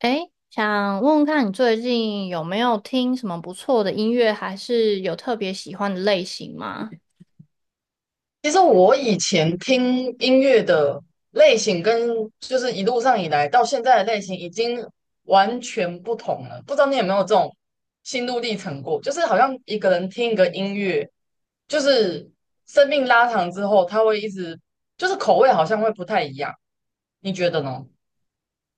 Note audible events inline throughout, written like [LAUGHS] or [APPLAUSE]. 诶，想问问看你最近有没有听什么不错的音乐，还是有特别喜欢的类型吗？其实我以前听音乐的类型跟一路上以来到现在的类型已经完全不同了，不知道你有没有这种心路历程过？就是好像一个人听一个音乐，就是生命拉长之后，他会一直口味好像会不太一样，你觉得呢？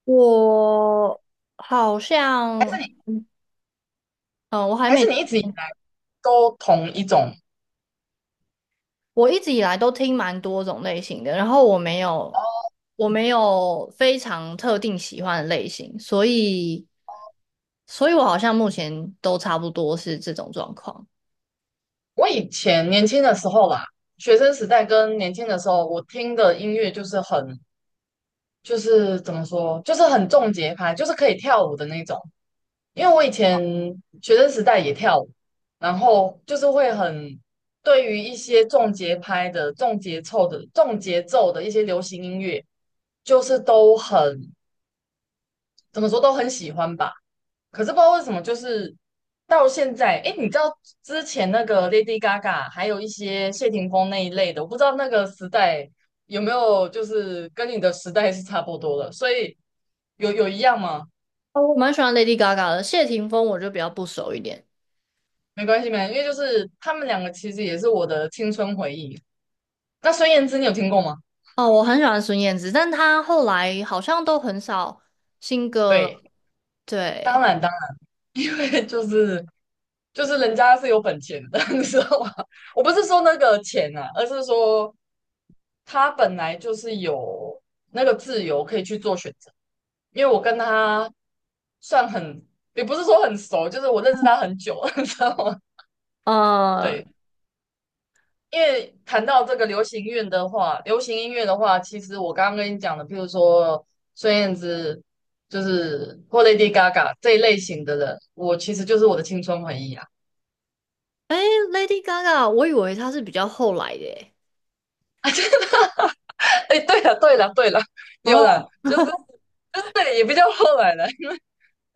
我好像，嗯，我还还是没，你一直以来都同一种？我一直以来都听蛮多种类型的，然后我没有，我没有非常特定喜欢的类型，所以，所以我好像目前都差不多是这种状况。我以前年轻的时候啦，学生时代跟年轻的时候，我听的音乐就是很就是怎么说，就是很重节拍，就是可以跳舞的那种。因为我以前学生时代也跳舞，然后就是会很对于一些重节拍的、重节奏的一些流行音乐，就是都很怎么说都很喜欢吧。可是不知道为什么，就是到现在，哎，你知道之前那个 Lady Gaga，还有一些谢霆锋那一类的，我不知道那个时代有没有就是跟你的时代是差不多的，所以有一样吗？哦我蛮喜欢 Lady Gaga 的，谢霆锋我就比较不熟一点。没关系，没关系，因为就是他们两个其实也是我的青春回忆。那孙燕姿你有听过吗？哦，我很喜欢孙燕姿，但她后来好像都很少新歌了。对，当对，然当然，[LAUGHS] 对，就是人家是有本钱的，[LAUGHS] 你知道吗？我不是说那个钱啊，而是说他本来就是有那个自由可以去做选择，因为我跟他算很，也不是说很熟，就是我认识他很久，[LAUGHS] 你知道吗？呃 对，因为谈到这个流行乐的话，流行音乐的话，其实我刚刚跟你讲的，譬如说孙燕姿，就是或 Lady Gaga 这一类型的人，我其实就是我的青春回忆啊。Lady Gaga，我以为她是比较后来的耶。[LAUGHS] 哎，对了，对了，对了，有哦，了，就是对，也比较后来了。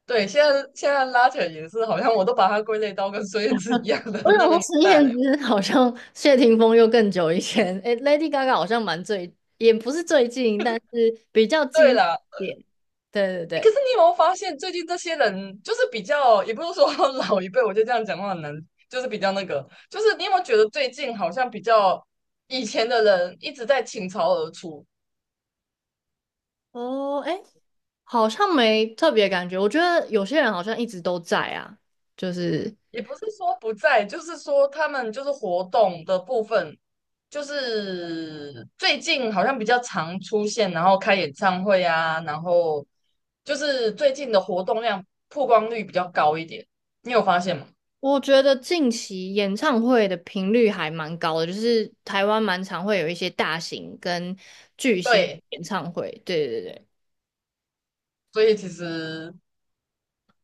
对，现在拉扯也是，好像我都把它归类到跟孙燕姿一样的我想那个说年孙代燕了。姿好像谢霆锋又更久以前，诶，Lady Gaga 好像蛮最，也不是最近，但是比较近对一啦，点。对对诶可是对。你有没有发现，最近这些人就是比较，也不是说 [LAUGHS] 老一辈，我就这样讲话很难，就是比较那个，就是你有没有觉得最近好像比较以前的人一直在倾巢而出，哦，哎，好像没特别感觉。我觉得有些人好像一直都在啊，就是。也不是说不在，就是说他们就是活动的部分，就是最近好像比较常出现，然后开演唱会啊，然后就是最近的活动量曝光率比较高一点，你有发现吗？我觉得近期演唱会的频率还蛮高的，就是台湾蛮常会有一些大型跟巨星对，演唱会。对对对，所以其实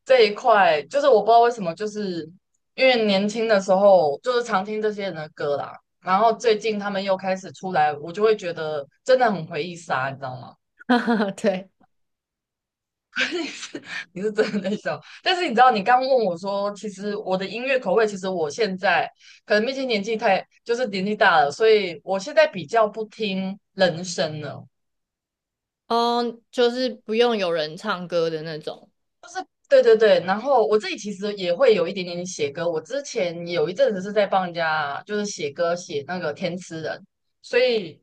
这一块就是我不知道为什么，就是因为年轻的时候就是常听这些人的歌啦，然后最近他们又开始出来，我就会觉得真的很回忆杀，你知道吗？[LAUGHS] 对，你是真的在笑，但是你知道，你刚问我说，其实我的音乐口味，其实我现在可能毕竟年纪太，就是年纪大了，所以我现在比较不听人声了。哦，就是不用有人唱歌的那种。对对对，然后我自己其实也会有一点点写歌，我之前有一阵子是在帮人家就是写歌，写那个填词人，所以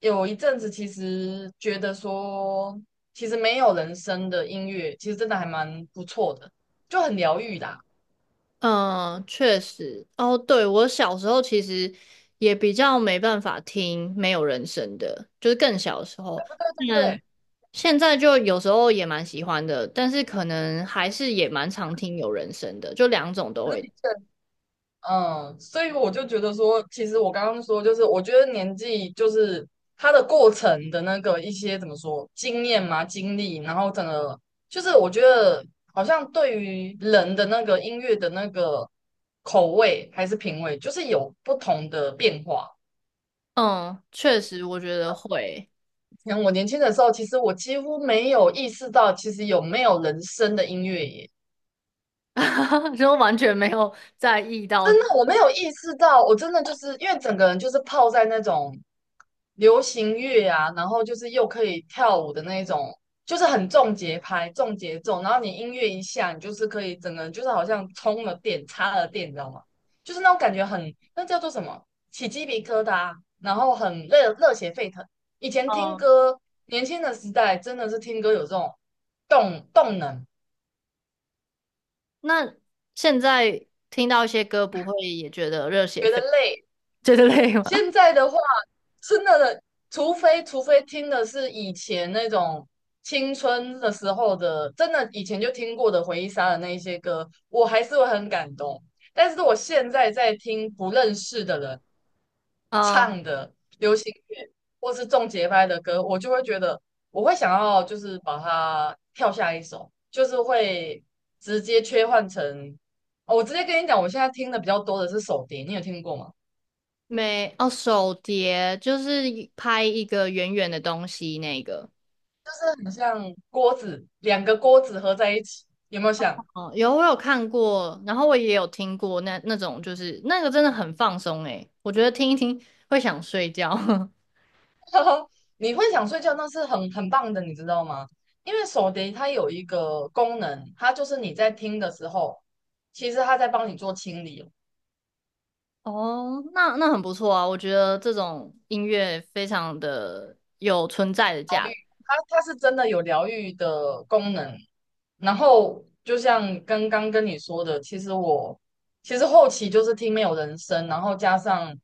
有一阵子其实觉得说，其实没有人声的音乐，其实真的还蛮不错的，就很疗愈的啊，嗯，确实。哦，对，我小时候其实也比较没办法听没有人声的，就是更小的时候。对不嗯，对？现在就有时候也蛮喜欢的，但是可能还是也蛮常听有人声的，就两种都会。嗯，所以我就觉得说，其实我刚刚说，就是我觉得年纪就是它的过程的那个一些怎么说经验嘛、经历，然后整个就是我觉得好像对于人的那个音乐的那个口味还是品味，就是有不同的变化。嗯，确实，我觉得会，像我年轻的时候，其实我几乎没有意识到，其实有没有人声的音乐耶。[LAUGHS] 就完全没有在意到。真的，我没有意识到，我真的就是因为整个人就是泡在那种流行乐啊，然后就是又可以跳舞的那种，就是很重节拍、重节奏，然后你音乐一下，你就是可以整个人就是好像充了电、插了电，你知道吗？就是那种感觉很，那叫做什么？起鸡皮疙瘩，然后很热血沸腾。以前听嗯，歌，年轻的时代真的是听歌有这种动能，那现在听到一些歌，不会也觉得热血觉得沸，累。觉得累吗？[LAUGHS] 现在的话，真的，除非听的是以前那种青春的时候的，真的以前就听过的回忆杀的那一些歌，我还是会很感动。但是我现在在听不认识的人嗯，唱的流行乐或是重节拍的歌，我就会觉得我会想要就是把它跳下一首，就是会直接切换成，哦，我直接跟你讲，我现在听的比较多的是手碟，你有听过吗？没，哦，手碟就是一拍一个圆圆的东西那个。就是很像锅子，两个锅子合在一起，有没有想？哦，有我有看过，然后我也有听过那种，就是那个真的很放松诶，我觉得听一听会想睡觉。[LAUGHS] [LAUGHS] 你会想睡觉，那是很棒的，你知道吗？因为手碟它有一个功能，它就是你在听的时候，其实它在帮你做清理哦。哦，那那很不错啊，我觉得这种音乐非常的有存在的价值。它是真的有疗愈的功能。然后就像刚刚跟你说的，其实我其实后期就是听没有人声，然后加上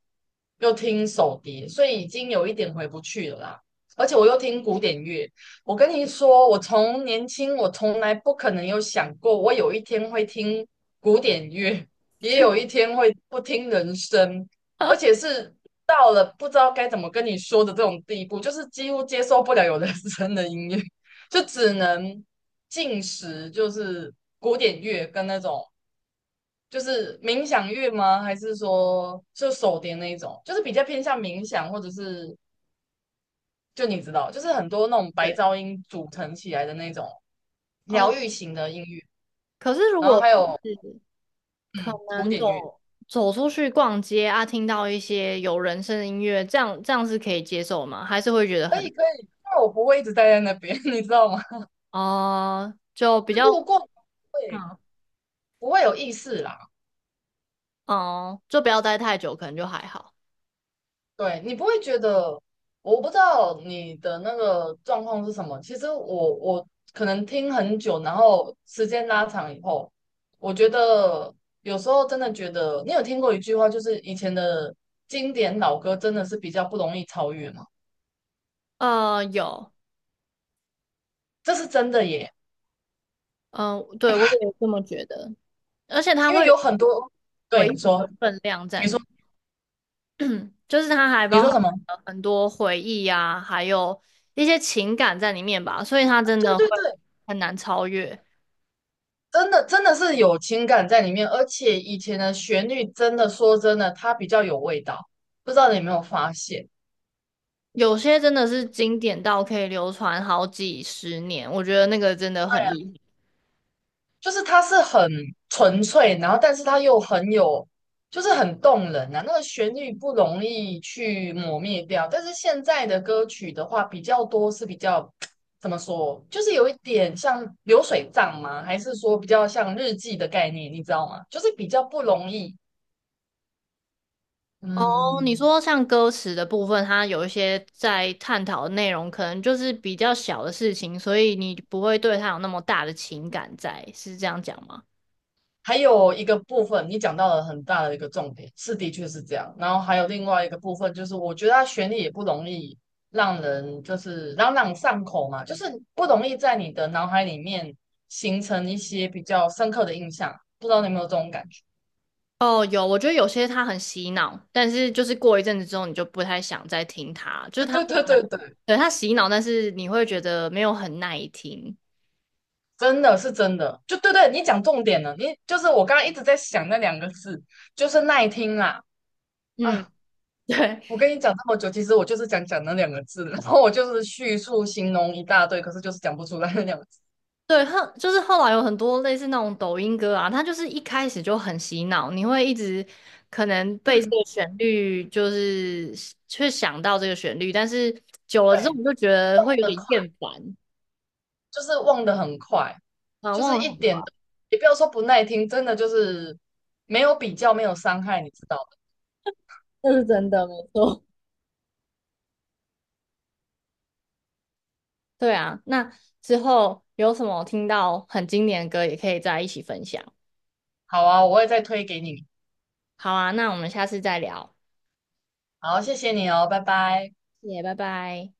又听手碟，所以已经有一点回不去了啦。而且我又听古典乐，我跟你说，我从年轻我从来不可能有想过，我有一天会听古典乐，也有一天会不听人声。而且是到了不知道该怎么跟你说的这种地步，就是几乎接受不了有人声的音乐，[LAUGHS] 就只能进食，就是古典乐跟那种就是冥想乐吗？还是说就手碟那一种，就是比较偏向冥想，或者是就你知道，就是很多那种白对，噪音组成起来的那种疗哦，愈型的音乐，可是如然后果还是有可古能典乐，走出去逛街啊，听到一些有人声的音乐，这样是可以接受吗？还是会觉得可很以可以，但我不会一直待在那边，[LAUGHS] 你知道吗？哦，就比就较路过会嗯不会有意识啦。哦，就不要待太久，可能就还好。对，你不会觉得，我不知道你的那个状况是什么。其实我可能听很久，然后时间拉长以后，我觉得有时候真的觉得，你有听过一句话，就是以前的经典老歌真的是比较不容易超越吗？有，这是真的耶，嗯、对，我也这么觉得，而且它因为会有有很多，回对，忆你的说，分量在里面，就是它还你包含说什么？了很多回忆呀，还有一些情感在里面吧，所以它真对的会对对，很难超越。真的真的是有情感在里面，而且以前的旋律真的说真的，它比较有味道，不知道你有没有发现？有些真的是经典到可以流传好几十年，我觉得那个真的很厉害。就是它是很纯粹，然后但是它又很有，就是很动人啊。那个旋律不容易去磨灭掉，但是现在的歌曲的话，比较多是比较 [TSK] 怎么说，就是有一点像流水账吗？还是说比较像日记的概念，你知道吗？就是比较不容易，哦，你嗯，说像歌词的部分，它有一些在探讨的内容，可能就是比较小的事情，所以你不会对它有那么大的情感在，是这样讲吗？还有一个部分，你讲到了很大的一个重点，是的确是这样。然后还有另外一个部分，就是我觉得它旋律也不容易让人就是朗朗上口嘛，就是不容易在你的脑海里面形成一些比较深刻的印象。不知道你有没有这种感觉？哦，有，我觉得有些他很洗脑，但是就是过一阵子之后，你就不太想再听他，[LAUGHS] 就是对他忽对然，对对，对，他洗脑，但是你会觉得没有很耐听。真的是真的，就对对，你讲重点了。你就是我刚刚一直在想那两个字，就是耐听啦。哎，嗯，对我跟你讲这么久，其实我就是想讲那两个字，然后我就是叙述形容一大堆，可是就是讲不出来那两个字。对，后就是后来有很多类似那种抖音歌啊，它就是一开始就很洗脑，你会一直可能被这个旋律就是去想到这个旋律，但是久了对，之后快，你就觉得会忘有得点快厌烦就是忘得很快，啊，就忘是了，一点都，也不要说不耐听，真的就是没有比较，没有伤害，你知道的。这是真的，没错。对啊，那之后有什么听到很经典的歌，也可以再一起分享。好啊，我会再推给你。好啊，那我们下次再聊，好，谢谢你哦，拜拜。谢谢，拜拜。